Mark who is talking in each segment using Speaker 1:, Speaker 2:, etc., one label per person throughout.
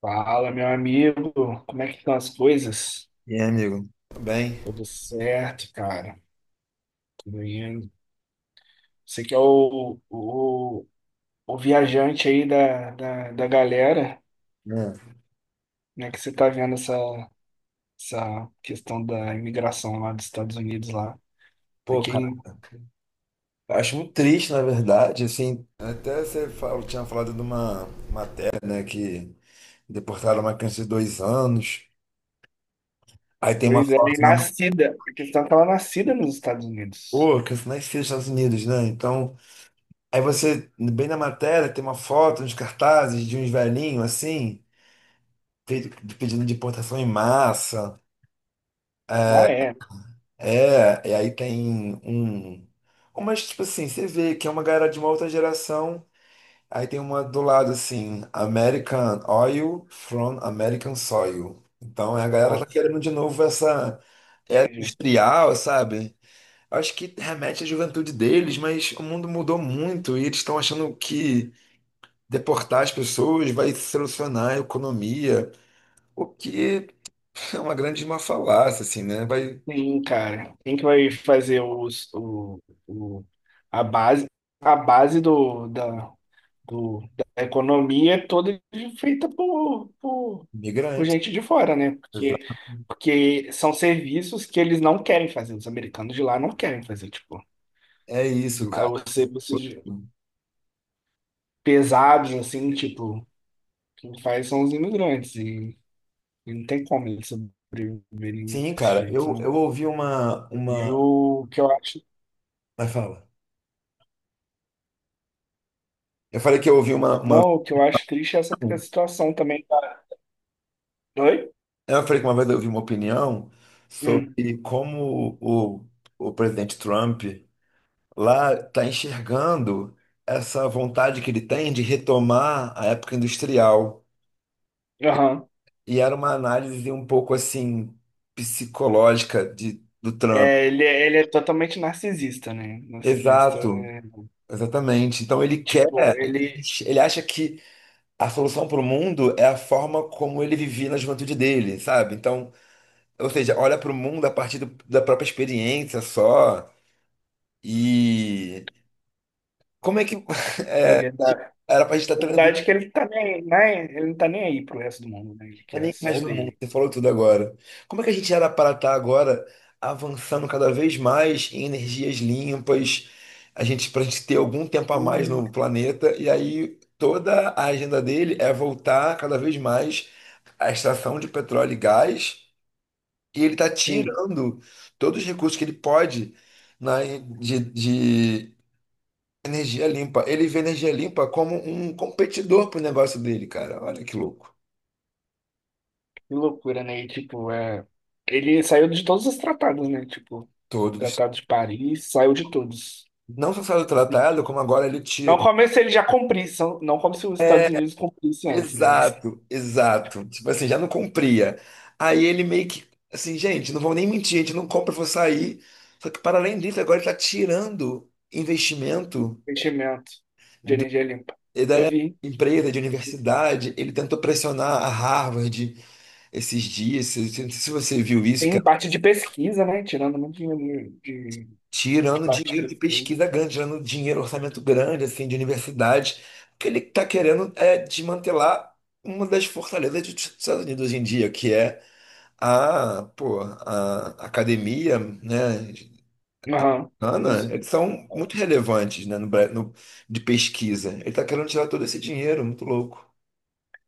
Speaker 1: Fala, meu amigo, como é que estão as coisas?
Speaker 2: E aí, amigo? Tudo bem.
Speaker 1: Tudo certo, cara. Tudo indo. Você que é o viajante aí da galera,
Speaker 2: É.
Speaker 1: né? Que você tá vendo essa questão da imigração lá dos Estados Unidos lá. É
Speaker 2: Pô, cara,
Speaker 1: quem,
Speaker 2: eu acho muito triste, na verdade, assim, até você tinha falado de uma matéria, né, que deportaram uma criança de 2 anos, aí tem uma
Speaker 1: pois é, e
Speaker 2: foto na...
Speaker 1: nascida. A questão é que ela é nascida nos Estados Unidos.
Speaker 2: Pô, a criança nasceu nos Estados Unidos, né, então, aí você, bem na matéria, tem uma foto, uns cartazes de uns velhinhos, assim, pe- pedindo deportação em massa,
Speaker 1: Ah, é.
Speaker 2: é, e aí tem um... Mas, tipo assim, você vê que é uma galera de uma outra geração. Aí tem uma do lado assim, American Oil from American Soil. Então é a galera tá
Speaker 1: Nossa,
Speaker 2: querendo de novo essa era
Speaker 1: entendi.
Speaker 2: industrial, sabe? Acho que remete à juventude deles, mas o mundo mudou muito e eles estão achando que deportar as pessoas vai solucionar a economia, o que é uma grande uma falácia, assim, né? Vai
Speaker 1: Sim, cara. Quem que vai fazer o, a base? A base da economia é toda feita por
Speaker 2: migrante.
Speaker 1: gente de fora, né? Porque,
Speaker 2: Exato.
Speaker 1: porque são serviços que eles não querem fazer, os americanos de lá não querem fazer, tipo,
Speaker 2: É isso,
Speaker 1: mas
Speaker 2: cara.
Speaker 1: os pesados, assim, tipo, quem faz são os imigrantes, e não tem como eles sobreviverem
Speaker 2: Sim,
Speaker 1: desse
Speaker 2: cara,
Speaker 1: jeito,
Speaker 2: eu,
Speaker 1: né?
Speaker 2: eu ouvi uma,
Speaker 1: E
Speaker 2: uma.
Speaker 1: o que eu acho,
Speaker 2: Mas fala. Eu falei que eu ouvi uma, uma.
Speaker 1: não, o que eu acho triste é essa situação também. Oi?
Speaker 2: Eu falei que uma vez eu vi uma opinião
Speaker 1: Hum,
Speaker 2: sobre como o presidente Trump lá está enxergando essa vontade que ele tem de retomar a época industrial.
Speaker 1: aham.
Speaker 2: E era uma análise um pouco assim psicológica de, do Trump.
Speaker 1: É, ele é totalmente narcisista, né? Narcisista
Speaker 2: Exato,
Speaker 1: é
Speaker 2: exatamente. Então ele quer,
Speaker 1: Tipo, ele.
Speaker 2: ele acha que a solução para o mundo é a forma como ele vivia na juventude dele, sabe? Então, ou seja, olha para o mundo a partir da própria experiência só. E como é que
Speaker 1: A verdade,
Speaker 2: era pra gente
Speaker 1: a
Speaker 2: estar transitando
Speaker 1: verdade é que ele tá nem, né? Ele não tá nem aí pro resto do mundo, né? Ele quer
Speaker 2: nem
Speaker 1: só
Speaker 2: mais
Speaker 1: o
Speaker 2: do mundo?
Speaker 1: dele.
Speaker 2: Você falou tudo agora. Como é que a gente era para estar agora avançando cada vez mais em energias limpas, a gente para a gente ter algum tempo a mais
Speaker 1: Hum.
Speaker 2: no planeta, e aí toda a agenda dele é voltar cada vez mais à extração de petróleo e gás, e ele está
Speaker 1: Sim,
Speaker 2: tirando todos os recursos que ele pode na, de energia limpa. Ele vê energia limpa como um competidor pro negócio dele, cara. Olha que louco.
Speaker 1: que loucura, né? E, tipo, é, ele saiu de todos os tratados, né? Tipo,
Speaker 2: Todos.
Speaker 1: Tratado de Paris, saiu de todos.
Speaker 2: Não só saiu tratado, como agora ele
Speaker 1: Não
Speaker 2: tira.
Speaker 1: como se ele já cumprisse, não como se os Estados Unidos cumprissem antes, né? Mas
Speaker 2: Exato, exato. Tipo assim, já não cumpria. Aí ele meio que. Assim, gente, não vou nem mentir, a gente não compra, eu vou sair. Só que para além disso, agora ele está tirando investimento
Speaker 1: investimento de
Speaker 2: do-
Speaker 1: energia limpa. Eu
Speaker 2: da
Speaker 1: vi.
Speaker 2: empresa, de universidade. Ele tentou pressionar a Harvard esses dias. Se você viu isso,
Speaker 1: Tem parte de pesquisa, né? Tirando muito dinheiro de
Speaker 2: tirando
Speaker 1: parte
Speaker 2: dinheiro
Speaker 1: de
Speaker 2: de
Speaker 1: pesquisa.
Speaker 2: pesquisa grande, tirando dinheiro, orçamento grande, assim, de universidades, que ele está querendo é desmantelar uma das fortalezas dos Estados Unidos hoje em dia, que é a, pô, a academia, né,
Speaker 1: Aham.
Speaker 2: americana.
Speaker 1: Os-
Speaker 2: Eles são muito relevantes, né, no, de pesquisa. Ele está querendo tirar todo esse dinheiro, muito louco.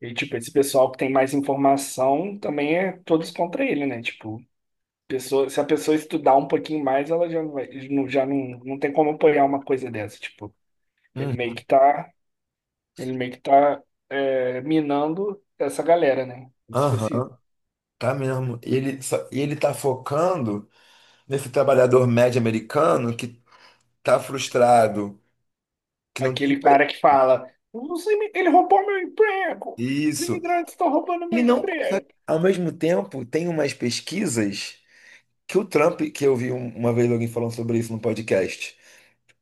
Speaker 1: E, tipo, esse pessoal que tem mais informação também é todos contra ele, né? Tipo, pessoa, se a pessoa estudar um pouquinho mais, ela já não vai, não- já não, não tem como apoiar uma coisa dessa. Tipo, ele meio
Speaker 2: Hum.
Speaker 1: que tá, ele meio que tá é, minando essa galera, né? Como se fosse
Speaker 2: Aham, tá mesmo. E ele, e ele tá focando nesse trabalhador médio americano que tá frustrado, que não tem
Speaker 1: aquele
Speaker 2: pra
Speaker 1: cara que fala: "Os imi- ele roubou meu emprego! Os
Speaker 2: isso.
Speaker 1: imigrantes estão roubando meu
Speaker 2: Ele não. Só que,
Speaker 1: emprego!
Speaker 2: ao mesmo tempo, tem umas pesquisas que o Trump, que eu vi uma vez alguém falando sobre isso no podcast.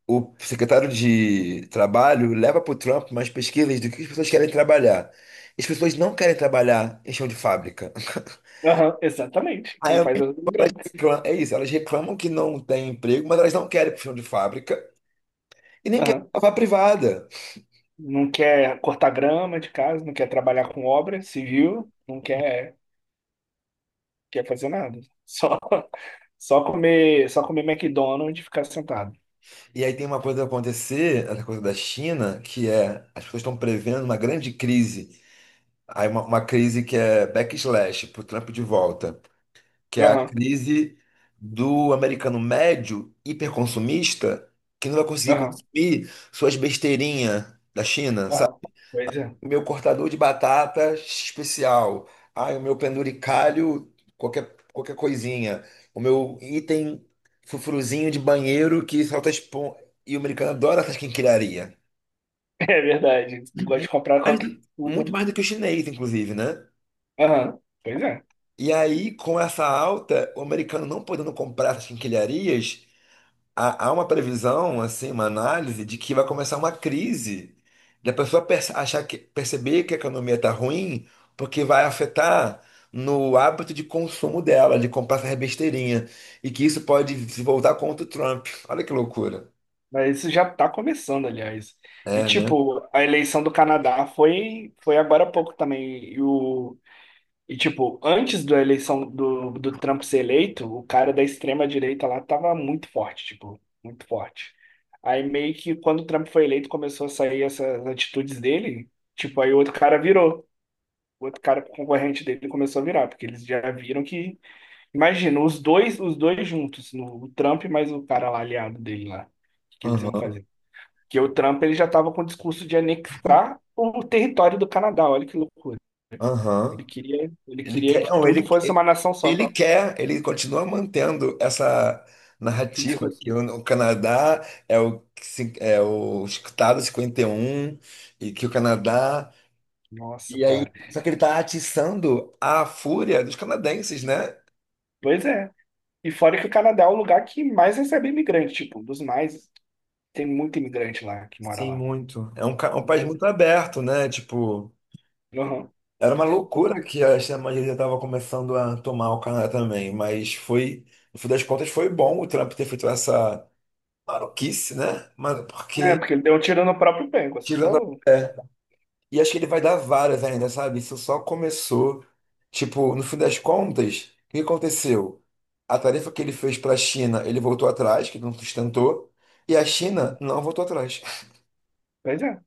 Speaker 2: O secretário de Trabalho leva para o Trump umas pesquisas do que as pessoas querem trabalhar. As pessoas não querem trabalhar em chão de fábrica.
Speaker 1: Aham, exatamente.
Speaker 2: Aí,
Speaker 1: Quem
Speaker 2: ao mesmo
Speaker 1: faz é os
Speaker 2: tempo,
Speaker 1: imigrantes.
Speaker 2: é isso, elas reclamam que não tem emprego, mas elas não querem pro chão de fábrica e nem querem para a privada.
Speaker 1: Não quer cortar grama de casa, não quer trabalhar com obra civil, não quer, quer fazer nada. Só, só comer McDonald's e ficar sentado.
Speaker 2: E aí tem uma coisa a acontecer, essa coisa da China, que é as pessoas estão prevendo uma grande crise. Aí uma crise que é backslash, pro Trump de volta, que é a
Speaker 1: Aham,
Speaker 2: crise do americano médio hiperconsumista que não vai conseguir
Speaker 1: aham,
Speaker 2: consumir suas besteirinhas da China, sabe?
Speaker 1: aham. Pois é.
Speaker 2: O meu cortador de batata especial, ai, o meu penduricalho, qualquer coisinha, o meu item frufruzinho de banheiro que solta espon... E o americano adora essas quinquilharias.
Speaker 1: É verdade. Gosta de comprar
Speaker 2: Mas,
Speaker 1: qualquer tudo.
Speaker 2: muito
Speaker 1: Né?
Speaker 2: mais do que o chinês, inclusive, né?
Speaker 1: Aham, pois é.
Speaker 2: E aí, com essa alta, o americano não podendo comprar essas quinquilharias, há uma previsão, assim, uma análise de que vai começar uma crise. Da pessoa achar que, perceber que a economia está ruim, porque vai afetar no hábito de consumo dela, de comprar essa besteirinha. E que isso pode se voltar contra o Trump. Olha que loucura.
Speaker 1: Mas isso já tá começando, aliás. E,
Speaker 2: É, né?
Speaker 1: tipo, a eleição do Canadá foi agora há pouco também. E o, e, tipo, antes da eleição do Trump ser eleito, o cara da extrema-direita lá tava muito forte, tipo, muito forte. Aí meio que quando o Trump foi eleito, começou a sair essas atitudes dele, tipo, aí o outro cara virou. O outro cara concorrente dele começou a virar, porque eles já viram que. Imagina, os dois juntos, no, o Trump mais o cara lá aliado dele lá. O que que eles iam
Speaker 2: Aham,
Speaker 1: fazer? Porque o Trump ele já tava com o discurso de anexar o território do Canadá, olha que loucura. Ele
Speaker 2: aham.
Speaker 1: queria, ele
Speaker 2: Ele
Speaker 1: queria
Speaker 2: quer,
Speaker 1: que
Speaker 2: não,
Speaker 1: tudo
Speaker 2: ele,
Speaker 1: fosse uma nação só.
Speaker 2: ele quer, ele continua mantendo essa
Speaker 1: Esse
Speaker 2: narrativa
Speaker 1: discurso.
Speaker 2: que o Canadá é o, que se- é o Estado 51 e um e que o Canadá.
Speaker 1: Nossa,
Speaker 2: E aí,
Speaker 1: cara.
Speaker 2: só que ele está atiçando a fúria dos canadenses, né?
Speaker 1: Pois é. E fora que o Canadá é o lugar que mais recebe imigrante, tipo, um dos mais. Tem muito imigrante lá que mora
Speaker 2: Sim,
Speaker 1: lá.
Speaker 2: muito. É um, um país
Speaker 1: Mas.
Speaker 2: muito aberto, né? Tipo,
Speaker 1: Uhum.
Speaker 2: era uma loucura
Speaker 1: Então,
Speaker 2: que a extrema-direita estava começando a tomar o Canadá também, mas foi, no fim das contas, foi bom o Trump ter feito essa maluquice, né? Mas
Speaker 1: é,
Speaker 2: porque
Speaker 1: porque ele deu um tiro no próprio pé, como você
Speaker 2: tirando
Speaker 1: falou.
Speaker 2: a... é. E acho que ele vai dar várias ainda, sabe? Isso só começou. Tipo, no fim das contas, o que aconteceu? A tarefa que ele fez para a China, ele voltou atrás, que não sustentou, e a China
Speaker 1: Uhum.
Speaker 2: não voltou atrás.
Speaker 1: Pois é.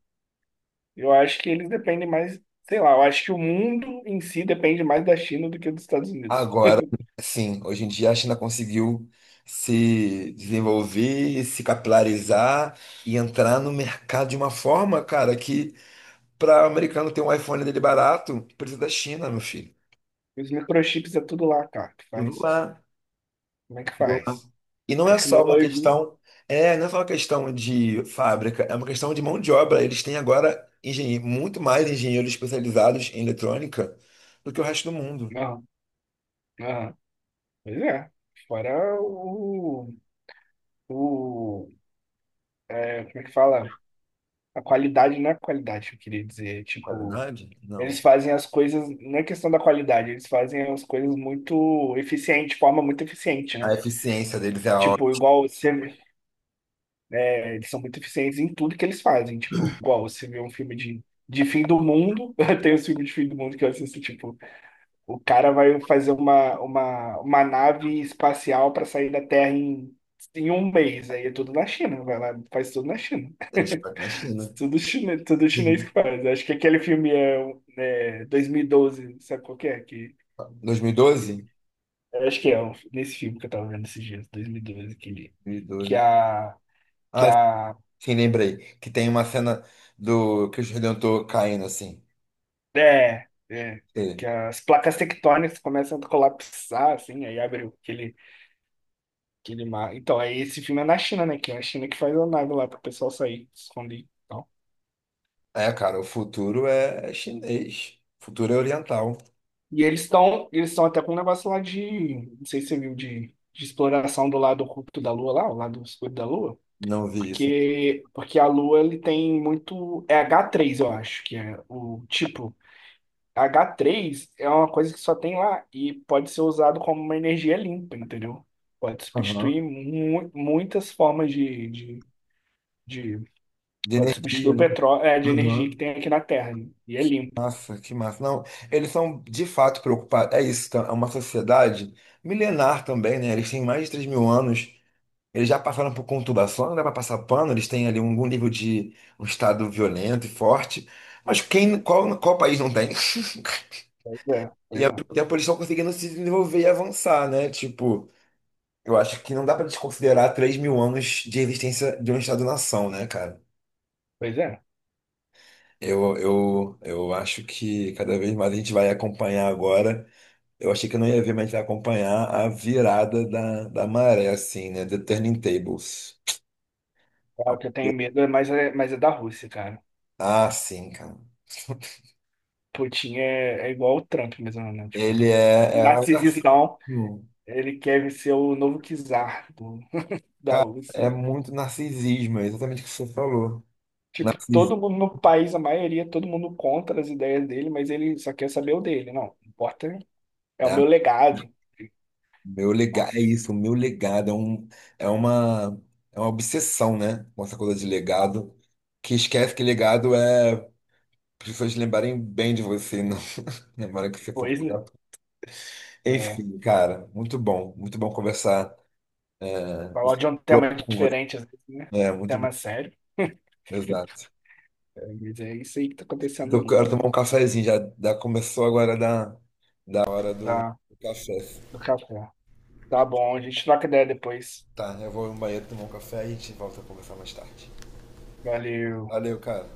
Speaker 1: Eu acho que eles dependem mais, sei lá, eu acho que o mundo em si depende mais da China do que dos Estados Unidos.
Speaker 2: Agora, sim, hoje em dia a China conseguiu se desenvolver, se capilarizar e entrar no mercado de uma forma, cara, que para o americano ter um iPhone dele barato, precisa da China, meu filho.
Speaker 1: Os microchips é tudo lá, cara, que
Speaker 2: Tudo
Speaker 1: faz.
Speaker 2: lá.
Speaker 1: Como é que faz?
Speaker 2: E não é só uma
Speaker 1: Tecnologia.
Speaker 2: questão, é, não é só uma questão de fábrica, é uma questão de mão de obra. Eles têm agora muito mais engenheiros especializados em eletrônica do que o resto do mundo.
Speaker 1: Não, não. Pois é. Fora o. É, como é que fala? A qualidade não é qualidade, que eu queria dizer. Tipo,
Speaker 2: Qualidade?
Speaker 1: eles
Speaker 2: Não.
Speaker 1: fazem as coisas. Não é questão da qualidade, eles fazem as coisas muito eficiente, de forma muito eficiente,
Speaker 2: A
Speaker 1: né?
Speaker 2: eficiência deles é a
Speaker 1: Tipo,
Speaker 2: ótima.
Speaker 1: igual você. É, eles são muito eficientes em tudo que eles fazem. Tipo, igual você vê um filme de fim do mundo. Tem os filmes de fim do mundo que eu assisto, tipo. O cara vai fazer uma nave espacial para sair da Terra em, em um mês. Aí é tudo na China. Vai lá, faz tudo na China.
Speaker 2: Eles fazem na China.
Speaker 1: Tudo chinês
Speaker 2: Sim.
Speaker 1: que faz. Acho que aquele filme é, é 2012, sabe qual que é? Que,
Speaker 2: 2012?
Speaker 1: eu acho que nesse filme que eu tava vendo esses dias, 2012, aquele, que
Speaker 2: 2012.
Speaker 1: a, que
Speaker 2: Ah,
Speaker 1: a,
Speaker 2: sim, lembrei. Que tem uma cena do Cristo Redentor caindo assim.
Speaker 1: é, é, que
Speaker 2: Sei.
Speaker 1: as placas tectônicas começam a colapsar, assim, aí abre aquele aquele mar. Então, aí esse filme é na China, né? Que é a China que faz a nave lá para o pessoal sair, se esconder. E tal.
Speaker 2: É, cara, o futuro é chinês. O futuro é oriental.
Speaker 1: E eles estão até com um negócio lá de. Não sei se você viu, de exploração do lado oculto da Lua lá, o lado escuro da Lua.
Speaker 2: Não vi isso.
Speaker 1: Porque a Lua ele tem muito. É h três eu acho, que é o tipo. H três é uma coisa que só tem lá e pode ser usado como uma energia limpa, entendeu? Pode
Speaker 2: Aham.
Speaker 1: substituir mu muitas formas de
Speaker 2: De
Speaker 1: pode substituir
Speaker 2: energia,
Speaker 1: o
Speaker 2: né?
Speaker 1: petróleo, é, de energia que
Speaker 2: Aham.
Speaker 1: tem aqui na Terra. Né? E é limpo.
Speaker 2: Nossa, que massa. Não, eles são de fato preocupados. É isso, tá? É uma sociedade milenar também, né? Eles têm mais de 3 mil anos. Eles já passaram por conturbação, não dá para passar pano, eles têm ali algum nível de um estado violento e forte. Mas quem, qual, qual país não tem?
Speaker 1: Pois é,
Speaker 2: E
Speaker 1: pois
Speaker 2: ao mesmo
Speaker 1: é.
Speaker 2: tempo eles estão conseguindo se desenvolver e avançar, né? Tipo, eu acho que não dá pra desconsiderar 3 mil anos de existência de um Estado-nação, né, cara?
Speaker 1: Pois é.
Speaker 2: Eu acho que cada vez mais a gente vai acompanhar agora. Eu achei que eu não ia ver, mas a gente vai acompanhar a virada da maré, assim, né? The Turning Tables.
Speaker 1: Claro que eu tenho medo, é mas é da Rússia, cara.
Speaker 2: Ah, sim, cara.
Speaker 1: Putin é igual o Trump mesmo, né? Tipo,
Speaker 2: Ele é, é o narcisismo.
Speaker 1: narcisistão. Ele quer ser o novo czar da
Speaker 2: É
Speaker 1: Rússia.
Speaker 2: muito narcisismo, é exatamente o que você falou.
Speaker 1: Tipo, todo
Speaker 2: Narcisismo.
Speaker 1: mundo no país, a maioria, todo mundo contra as ideias dele, mas ele só quer saber o dele. Não, não importa, é o meu legado.
Speaker 2: Meu legado, é
Speaker 1: Nossa,
Speaker 2: isso, o meu legado é, um, é uma, é uma obsessão, né? Com essa coisa de legado, que esquece que legado é pessoas lembrarem bem de você, não lembrarem que você foi um
Speaker 1: pois, né?
Speaker 2: lugar.
Speaker 1: É,
Speaker 2: Enfim, cara, muito bom conversar é,
Speaker 1: falar de um tema
Speaker 2: com você.
Speaker 1: diferente, às vezes, né? Um
Speaker 2: É, muito bom,
Speaker 1: tema sério.
Speaker 2: exato.
Speaker 1: Mas é isso aí que tá acontecendo no
Speaker 2: Eu
Speaker 1: mundo,
Speaker 2: quero tomar
Speaker 1: né?
Speaker 2: um cafezinho, já, já começou agora da hora do
Speaker 1: Tá,
Speaker 2: do café.
Speaker 1: do café. Tá bom, a gente troca ideia depois.
Speaker 2: Tá, eu vou no banheiro tomar um café e a gente volta a conversar mais tarde.
Speaker 1: Valeu.
Speaker 2: Valeu, cara.